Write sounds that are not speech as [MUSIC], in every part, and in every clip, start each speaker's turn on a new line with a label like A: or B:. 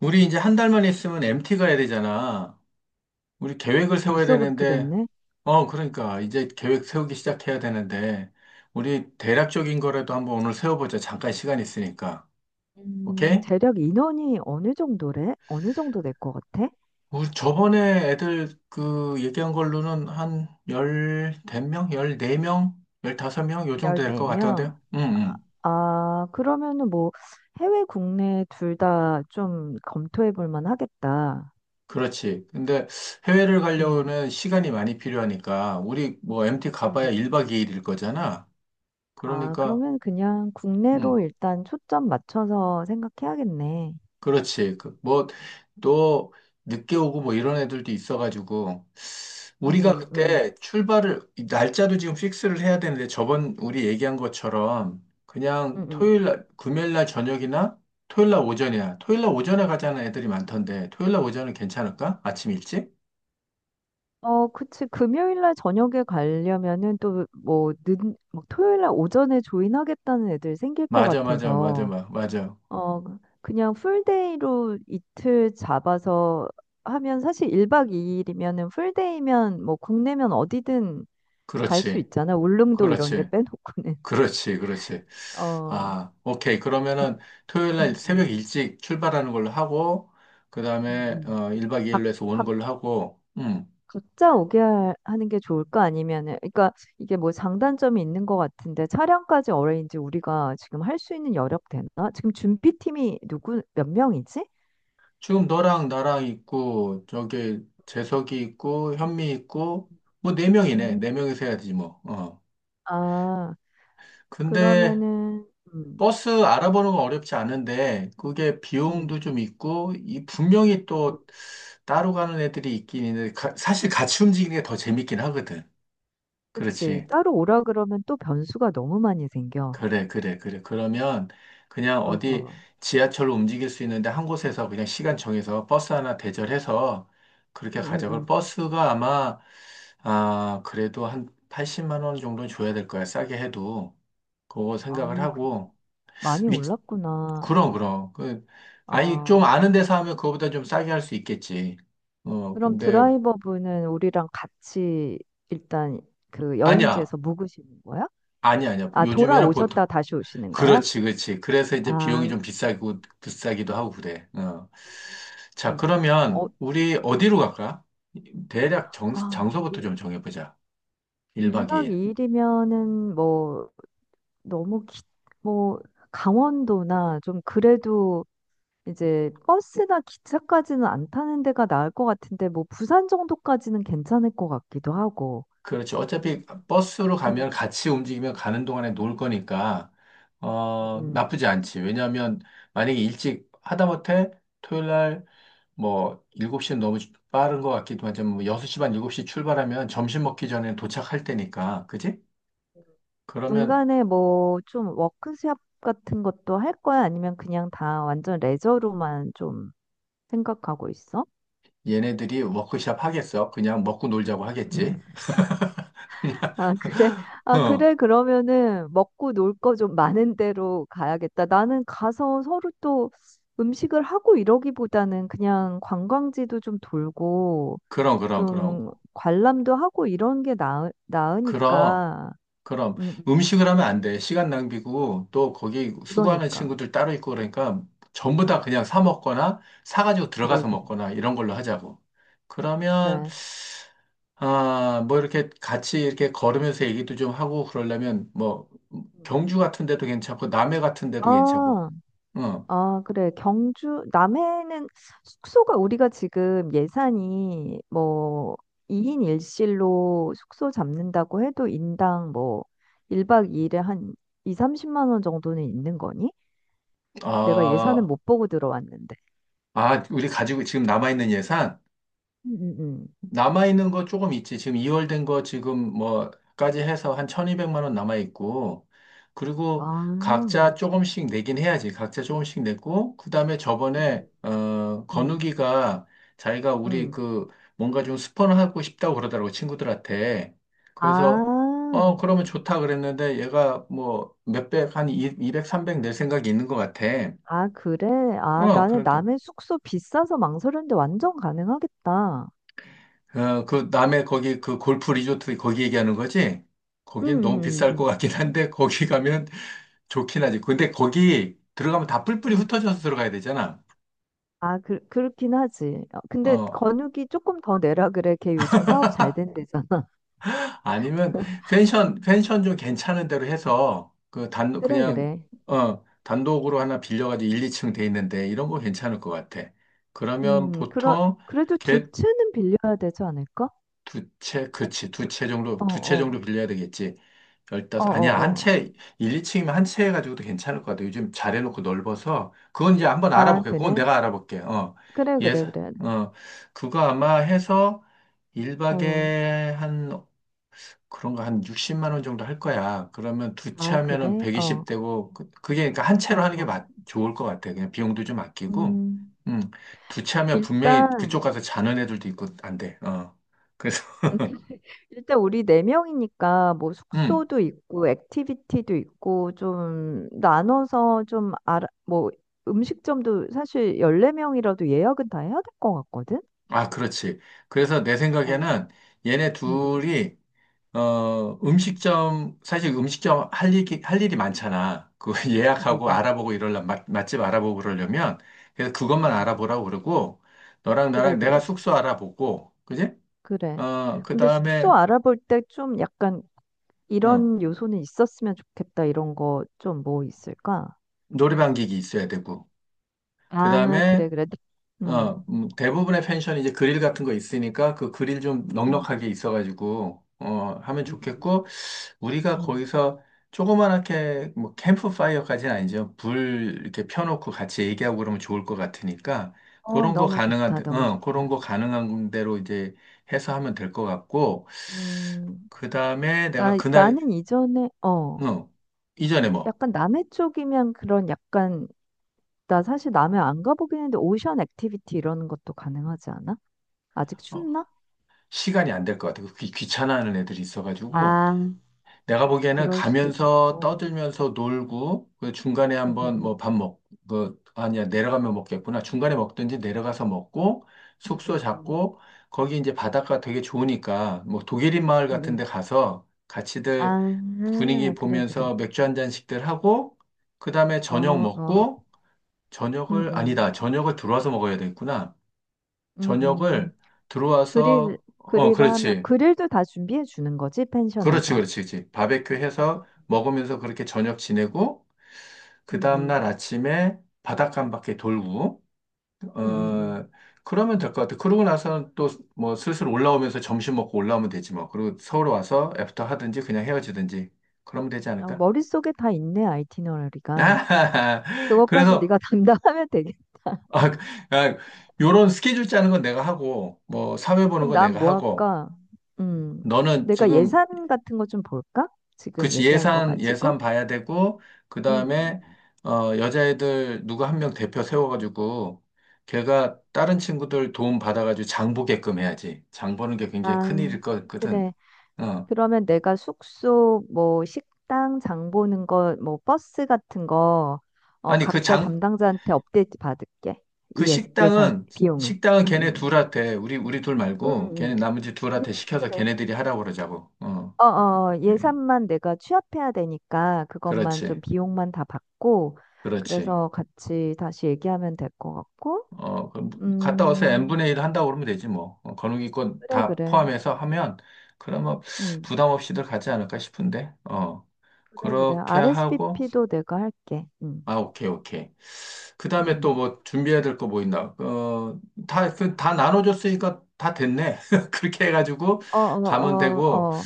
A: 우리 이제 한 달만 있으면 MT 가야 되잖아. 우리 계획을 세워야
B: 벌써 그렇게
A: 되는데,
B: 됐네.
A: 그러니까 이제 계획 세우기 시작해야 되는데, 우리 대략적인 거라도 한번 오늘 세워보자. 잠깐 시간 있으니까. 오케이?
B: 재력 인원이 어느 정도래? 어느 정도 될 것 같아?
A: 우리 저번에 애들 그 얘기한 걸로는 한 대명? 열네 명? 열다섯 명? 요 정도 될 것
B: 14명.
A: 같던데요? 응, 응.
B: 아, 그러면은 뭐 해외 국내 둘 다 좀 검토해 볼 만하겠다.
A: 그렇지. 근데 해외를
B: 음.
A: 가려면 시간이 많이 필요하니까, 우리 뭐 MT
B: 음, 음,
A: 가봐야
B: 음.
A: 1박 2일일 거잖아.
B: 아,
A: 그러니까,
B: 그러면 그냥
A: 응.
B: 국내로 일단 초점 맞춰서 생각해야겠네.
A: 그렇지. 그, 뭐, 또, 늦게 오고 뭐 이런 애들도 있어가지고, 우리가
B: 음, 음,
A: 그때 이 날짜도 지금 픽스를 해야 되는데, 저번 우리 얘기한 것처럼,
B: 음,
A: 그냥
B: 음.
A: 금요일 날 저녁이나 토요일 날 오전이야. 토요일 날 오전에 가자는 애들이 많던데, 토요일 날 오전은 괜찮을까? 아침 일찍?
B: 어, 그치. 금요일 날 저녁에 가려면은 또 뭐, 막 토요일 날 오전에 조인하겠다는 애들 생길 것
A: 맞아, 맞아, 맞아,
B: 같아서.
A: 맞아. 맞아.
B: 어, 그냥 풀데이로 이틀 잡아서 하면 사실 1박 2일이면은 풀데이면 뭐 국내면 어디든 갈 수
A: 그렇지.
B: 있잖아. 울릉도 이런 데
A: 그렇지.
B: 빼놓고는.
A: 그렇지. 그렇지.
B: [LAUGHS] 어,
A: 아, 오케이.
B: 각,
A: 그러면은 토요일
B: 음,
A: 날 새벽
B: 음,
A: 일찍 출발하는 걸로 하고, 그 다음에
B: 음.
A: 1박
B: 각,
A: 2일로 해서 오는
B: 각,
A: 걸로 하고,
B: 각자 오게 하는 게 좋을까? 아니면은, 그러니까 이게 뭐 장단점이 있는 것 같은데 차량까지 어레인지 우리가 지금 할 수 있는 여력 되나? 지금 준비팀이 누구, 몇 명이지?
A: 지금 너랑 나랑 있고, 저기 재석이 있고, 현미 있고, 뭐 네 명이네.
B: 음.
A: 네 명이서 해야지 뭐. 어.
B: 아,
A: 근데
B: 그러면은, 음,
A: 버스 알아보는 건 어렵지 않은데, 그게
B: 음.
A: 비용도 좀 있고, 이 분명히
B: 음.
A: 또 따로 가는 애들이 있긴 있는데, 사실 같이 움직이는 게 더 재밌긴 하거든.
B: 그치.
A: 그렇지.
B: 따로 오라 그러면 또 변수가 너무 많이 생겨.
A: 그래, 그래, 그래. 그러면 그냥
B: 어,
A: 어디
B: 어.
A: 지하철로 움직일 수 있는데 한 곳에서 그냥 시간 정해서 버스 하나 대절해서 그렇게
B: 응, 응,
A: 가져갈
B: 응.
A: 버스가 아마, 아, 그래도 한 80만 원 정도 줘야 될 거야. 싸게 해도. 그거
B: 아,
A: 생각을
B: 그-
A: 하고.
B: 많이
A: 위,
B: 올랐구나.
A: 그럼, 그럼. 아니, 좀
B: 아,
A: 아는 데서 하면 그거보다 좀 싸게 할 수 있겠지.
B: 그럼
A: 근데,
B: 드라이버분은 우리랑 같이 일단 그
A: 아니야.
B: 여행지에서 묵으시는 거야?
A: 아니야, 아니야.
B: 아,
A: 요즘에는 보통,
B: 돌아오셨다 다시 오시는 거야?
A: 그렇지, 그렇지. 그래서 이제 비용이
B: 아,
A: 좀 비싸고, 비싸기도 하고 그래. 어. 자,
B: 음.
A: 그러면
B: 어,
A: 우리 어디로 갈까? 대략
B: 아,
A: 장소부터 좀 정해보자. 1박
B: 1박
A: 2일.
B: 2일이면은 뭐 너무 뭐 강원도나 좀 그래도 이제 버스나 기차까지는 안 타는 데가 나을 것 같은데 뭐 부산 정도까지는 괜찮을 것 같기도 하고.
A: 그렇지. 어차피 버스로
B: 음,
A: 가면 같이 움직이면 가는 동안에 놀 거니까,
B: 음, 음.
A: 나쁘지 않지. 왜냐하면 만약에 일찍 하다못해 토요일 날 뭐 7시는 너무 빠른 것 같기도 하지만 뭐 6시 반, 7시 출발하면 점심 먹기 전에 도착할 때니까. 그지? 그러면
B: 중간에 뭐 좀 워크숍 같은 것도 할 거야? 아니면 그냥 다 완전 레저로만 좀 생각하고 있어?
A: 얘네들이 워크숍 하겠어? 그냥 먹고 놀자고 하겠지?
B: 음.
A: [LAUGHS] 그냥,
B: 아, 그래. 아, 그래. 그러면은 먹고 놀 거 좀 많은 데로 가야겠다. 나는 가서 서로 또 음식을 하고 이러기보다는 그냥 관광지도 좀 돌고
A: 그럼, 그럼, 그럼.
B: 좀 관람도 하고 이런 게
A: 그럼,
B: 나으니까.
A: 그럼.
B: 음, 음.
A: 음식을 하면 안 돼. 시간 낭비고, 또 거기 수고하는
B: 그러니까.
A: 친구들 따로 있고 그러니까 전부 다 그냥 사 먹거나, 사가지고
B: 그래,
A: 들어가서
B: 그래.
A: 먹거나, 이런 걸로 하자고. 그러면,
B: 그래.
A: 아, 뭐 이렇게 같이 이렇게 걸으면서 얘기도 좀 하고 그러려면, 뭐,
B: 음.
A: 경주 같은 데도 괜찮고, 남해 같은 데도 괜찮고,
B: 아,
A: 응.
B: 아, 그래. 경주, 남해는 숙소가 우리가 지금 예산이 뭐 2인 1실로 숙소 잡는다고 해도 인당 뭐 1박 2일에 한 2, 30만 원 정도는 있는 거니? 내가 예산은
A: 아,
B: 못 보고 들어왔는데.
A: 아, 우리 가지고 지금 남아있는 예산?
B: 음, 음, 음.
A: 남아있는 거 조금 있지. 지금 2월 된 거 지금 뭐까지 해서 한 1,200만 원 남아있고, 그리고
B: 와.
A: 각자 조금씩 내긴 해야지. 각자 조금씩 냈고, 그 다음에 저번에,
B: 음.
A: 건우기가 자기가 우리
B: 음.
A: 그 뭔가 좀 스폰하고 싶다고 그러더라고, 친구들한테.
B: 아,
A: 그래서, 그러면 좋다 그랬는데 얘가 뭐 몇백, 한 200, 300 낼 생각이 있는 것 같아.
B: 아, 그래? 아,
A: 어,
B: 나는
A: 그러니까.
B: 남의 숙소 비싸서 망설였는데 완전 가능하겠다.
A: 어, 그 남해 거기 그 골프 리조트 거기 얘기하는 거지?
B: 응,
A: 거긴 너무
B: 응,
A: 비쌀 것
B: 응.
A: 같긴 한데 거기 가면 좋긴 하지. 근데 거기 들어가면 다
B: 응.
A: 뿔뿔이
B: 응.
A: 흩어져서 들어가야 되잖아.
B: 아, 그렇긴 하지. 어, 근데
A: 어,
B: 건욱이 조금 더 내라 그래. 걔 요즘 사업 잘 된대잖아. [LAUGHS]
A: 아니면 펜션 좀 괜찮은 데로 해서 그 단
B: 그래,
A: 그냥
B: 그래.
A: 단독으로 하나 빌려가지고 1, 2층 돼 있는데 이런 거 괜찮을 것 같아. 그러면
B: 음, 그러,
A: 보통
B: 그래도 두
A: 걔
B: 채는 빌려야 되지 않을까?
A: 두 채,
B: 채,
A: 그치. 두
B: 두,
A: 채 정도,
B: 어,
A: 두 채 정도
B: 어,
A: 빌려야 되겠지.
B: 어,
A: 열다섯, 아니야.
B: 어,
A: 한
B: 어.
A: 채, 이층이면한 채 해가지고도 괜찮을 것 같아. 요즘 잘 해놓고 넓어서. 그건 이제 한번
B: 아,
A: 알아볼게. 그건
B: 그래?
A: 내가 알아볼게. 어.
B: 그래, 그래,
A: 예산,
B: 그래.
A: 어. 그거 아마 해서
B: 어,
A: 일박에한 그런 거 한 60만 원 정도 할 거야. 그러면 두 채
B: 아,
A: 하면은
B: 그래?
A: 120
B: 어,
A: 되고, 그게 그러니까 한
B: 어,
A: 채로 하는 게
B: 어.
A: 맞, 좋을 것 같아. 그냥 비용도 좀 아끼고.
B: 음,
A: 음. 두 채 하면 분명히 그쪽
B: 일단,
A: 가서 자는 애들도 있고, 안 돼. 어. 그래서.
B: [LAUGHS] 일단 우리 네 명이니까 뭐 숙소도
A: [LAUGHS]
B: 있고 액티비티도 있고 좀 나눠서 좀 알아 뭐 음식점도 사실 14명이라도 예약은 다 해야 될 것 같거든.
A: 아, 그렇지. 그래서 내
B: 어.
A: 생각에는 얘네
B: 음, 음.
A: 둘이,
B: 음,
A: 사실 음식점 할 일이 많잖아. 그 [LAUGHS]
B: 음, 음,
A: 예약하고
B: 음,
A: 알아보고 이러려면, 맛집 알아보고 그러려면, 그래서 그것만
B: 음.
A: 알아보라고 그러고, 너랑
B: 그래
A: 나랑 내가
B: 그래.
A: 숙소 알아보고, 그지?
B: 그래.
A: 어, 그
B: 근데 숙소
A: 다음에,
B: 알아볼 때 좀 약간
A: 응,
B: 이런 요소는 있었으면 좋겠다. 이런 거 좀 뭐 있을까?
A: 노래방 기기 있어야 되고, 그
B: 아,
A: 다음에,
B: 그래 그래. 음.
A: 대부분의 펜션이 이제 그릴 같은 거 있으니까 그 그릴 좀
B: 음.
A: 넉넉하게 있어가지고, 하면
B: 음. 음.
A: 좋겠고, 우리가
B: 음.
A: 거기서 조그맣게 뭐 캠프파이어까지는 아니죠. 불 이렇게 펴놓고 같이 얘기하고 그러면 좋을 것 같으니까
B: 어, 너무 좋다. 너무
A: 그런
B: 좋다.
A: 거 가능한 대로 이제 해서 하면 될 것 같고
B: 음,
A: 그 다음에 내가
B: 나는 이전에,
A: 어, 이전에 뭐
B: 약간 남해 쪽이면 그런 약간, 나 사실 남해 안 가보긴 했는데, 오션 액티비티 이런 것도 가능하지 않아? 아직
A: 어,
B: 춥나?
A: 시간이 안될 것 같아요. 귀찮아하는 애들이 있어가지고
B: 아,
A: 내가 보기에는
B: 그럴 수도
A: 가면서
B: 있겠구나.
A: 떠들면서 놀고, 그 중간에
B: 응,
A: 한번
B: 응,
A: 뭐 아니야, 내려가면 먹겠구나. 중간에 먹든지 내려가서 먹고,
B: 응, 응,
A: 숙소
B: 응,
A: 잡고, 거기 이제 바닷가 되게 좋으니까, 뭐 독일인 마을
B: 응,
A: 같은
B: 응.
A: 데 가서 같이들 분위기
B: 아, 그래, 그래.
A: 보면서 맥주 한 잔씩들 하고, 그 다음에
B: 어,
A: 저녁
B: 어,
A: 먹고,
B: 응,
A: 저녁을,
B: 응,
A: 아니다, 저녁을 들어와서 먹어야 되겠구나.
B: 응, 응.
A: 저녁을
B: 그릴,
A: 들어와서, 어,
B: 그릴 하면,
A: 그렇지.
B: 그릴도 다 준비해 주는 거지,
A: 그렇지,
B: 펜션에서.
A: 그렇지, 그렇지. 바베큐 해서 먹으면서 그렇게 저녁 지내고, 그
B: 응,
A: 다음날
B: 응,
A: 아침에 바닷가 한 바퀴 돌고,
B: 응, 응, 응.
A: 어, 그러면 될 것 같아. 그러고 나서는 또 뭐 슬슬 올라오면서 점심 먹고 올라오면 되지 뭐. 그리고 서울 와서 애프터 하든지 그냥 헤어지든지. 그러면 되지
B: 아,
A: 않을까?
B: 머릿속에 다 있네, 아이티너리가.
A: [LAUGHS]
B: 그것까지
A: 그래서,
B: 네가 [LAUGHS] 담당하면 되겠.
A: 아, 아, 요런 스케줄 짜는 건 내가 하고, 뭐 사회 보는
B: 그럼
A: 건
B: 난
A: 내가
B: 뭐
A: 하고,
B: 할까? 음,
A: 너는
B: 내가
A: 지금
B: 예산 같은 거 좀 볼까? 지금
A: 그치,
B: 얘기한 거 가지고.
A: 예산 봐야 되고, 그
B: 음, 음,
A: 다음에,
B: 음.
A: 여자애들 누구 한 명 대표 세워가지고, 걔가 다른 친구들 도움 받아가지고 장 보게끔 해야지. 장 보는 게 굉장히
B: 아,
A: 큰일일 거거든.
B: 그래.
A: 어.
B: 그러면 내가 숙소, 뭐 식당 장 보는 거, 뭐 버스 같은 거, 어,
A: 아니,
B: 각자 담당자한테 업데이트 받을게.
A: 그
B: 이 예산,
A: 식당은,
B: 비용을.
A: 식당은
B: 응,
A: 걔네
B: 응
A: 둘한테, 우리 둘
B: 응
A: 말고,
B: 응
A: 걔네 나머지 둘한테 시켜서
B: 그래.
A: 걔네들이 하라고 그러자고. 어.
B: 어, 어,
A: 예.
B: 예산만 내가 취합해야 되니까 그것만 좀
A: 그렇지,
B: 비용만 다 받고
A: 그렇지.
B: 그래서 같이 다시 얘기하면 될 것 같고.
A: 그럼 갔다 와서
B: 음,
A: n분의 1 한다고 그러면 되지 뭐. 거누기권
B: 그래
A: 다
B: 그래.
A: 포함해서 하면 그러면
B: 음.
A: 부담 없이들 가지 않을까 싶은데. 어,
B: 그래 그래
A: 그렇게
B: r s p
A: 하고
B: p 도 내가 할게.
A: 아, 오케이, 오케이. 그다음에 또
B: 어
A: 뭐 준비해야 될 거 뭐 있나? 다 나눠줬으니까 다 됐네. [LAUGHS] 그렇게 해가지고
B: 어 어
A: 가면
B: 어
A: 되고.
B: 어.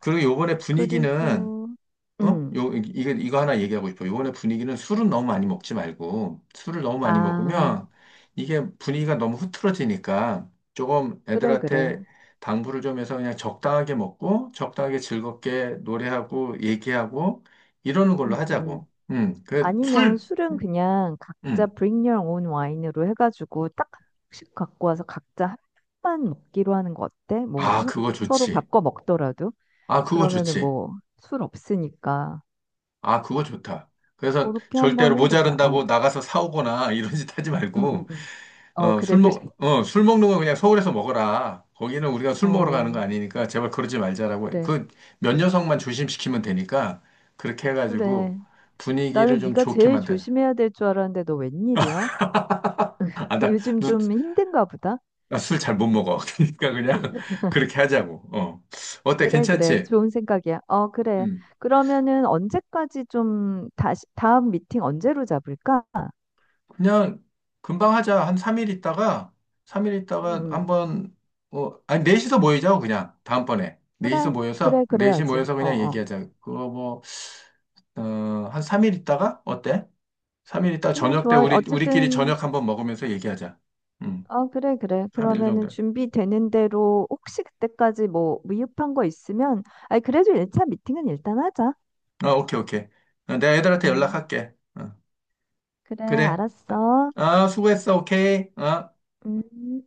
A: 그리고 요번에 분위기는
B: 그리고
A: 어? 요, 이- 거 이거 하나 얘기하고 싶어. 요번에 분위기는 술은 너무 많이 먹지 말고, 술을 너무 많이
B: 음아
A: 먹으면 이게 분위기가 너무 흐트러지니까 조금
B: 그래 그래
A: 애들한테 당부를 좀 해서 그냥 적당하게 먹고, 적당하게 즐겁게 노래하고, 얘기하고, 이러는 걸로
B: 음 음, 음.
A: 하자고.
B: 아니면 술은 그냥 각자
A: 음.
B: bring your own wine으로 해가지고 딱 한 병씩 갖고 와서 각자 한 병만 먹기로 하는 거 어때? 뭐
A: 아, 그거
B: 서로
A: 좋지.
B: 바꿔 먹더라도
A: 아, 그거
B: 그러면은
A: 좋지.
B: 뭐 술 없으니까
A: 아, 그거 좋다. 그래서
B: 그렇게
A: 절대로
B: 한번 해보자. 어,
A: 모자른다고 나가서 사오거나 [LAUGHS] 이런 짓 하지
B: 응, 응,
A: 말고,
B: 응. 어, 그래, 그래.
A: 술 먹는 거 그냥 서울에서 먹어라. 거기는 우리가 술 먹으러 가는 거
B: 어,
A: 아니니까 제발 그러지 말자라고.
B: 그래,
A: 그 몇 녀석만 조심시키면 되니까 그렇게 해가지고
B: 그래.
A: 분위기를
B: 나는
A: 좀
B: 네가
A: 좋게
B: 제일
A: 만든.
B: 조심해야 될 줄 알았는데 너 웬일이야?
A: 아,
B: [LAUGHS] 요즘 좀 힘든가 보다.
A: 나 술 잘 못 먹어. [LAUGHS] 그러니까 그냥 [LAUGHS] 그렇게 하자고. 어. 어때?
B: 그래, 그래.
A: 괜찮지?
B: 좋은 생각이야. 어, 그래.
A: 음.
B: 그러면은 언제까지 좀 다음 미팅 언제로 잡을까?
A: 그냥 금방 하자. 한 3일 있다가, 3일 있다가
B: 음,
A: 한번, 아니, 넷이서 모이자고, 그냥. 다음번에. 넷이서
B: 그래,
A: 모여서,
B: 그래,
A: 넷이
B: 그래야지.
A: 모여서
B: 어,
A: 그냥
B: 어.
A: 얘기하자. 그거 뭐, 어, 한 3일 있다가? 어때? 3일 있다가
B: 그래,
A: 저녁 때
B: 좋아.
A: 우리끼리
B: 어쨌든,
A: 저녁 한번 먹으면서 얘기하자. 음,
B: 어, 그래, 그래.
A: 3일
B: 그러면은
A: 정도.
B: 준비되는 대로 혹시 그때까지 뭐 미흡한 거 있으면, 아니, 그래도 1차 미팅은 일단 하자.
A: 어, 오케이, 오케이. 내가 애들한테
B: 음,
A: 연락할게. 어,
B: 그래,
A: 그래.
B: 알았어.
A: 아, 수고했어. 오케이. 어.
B: 음.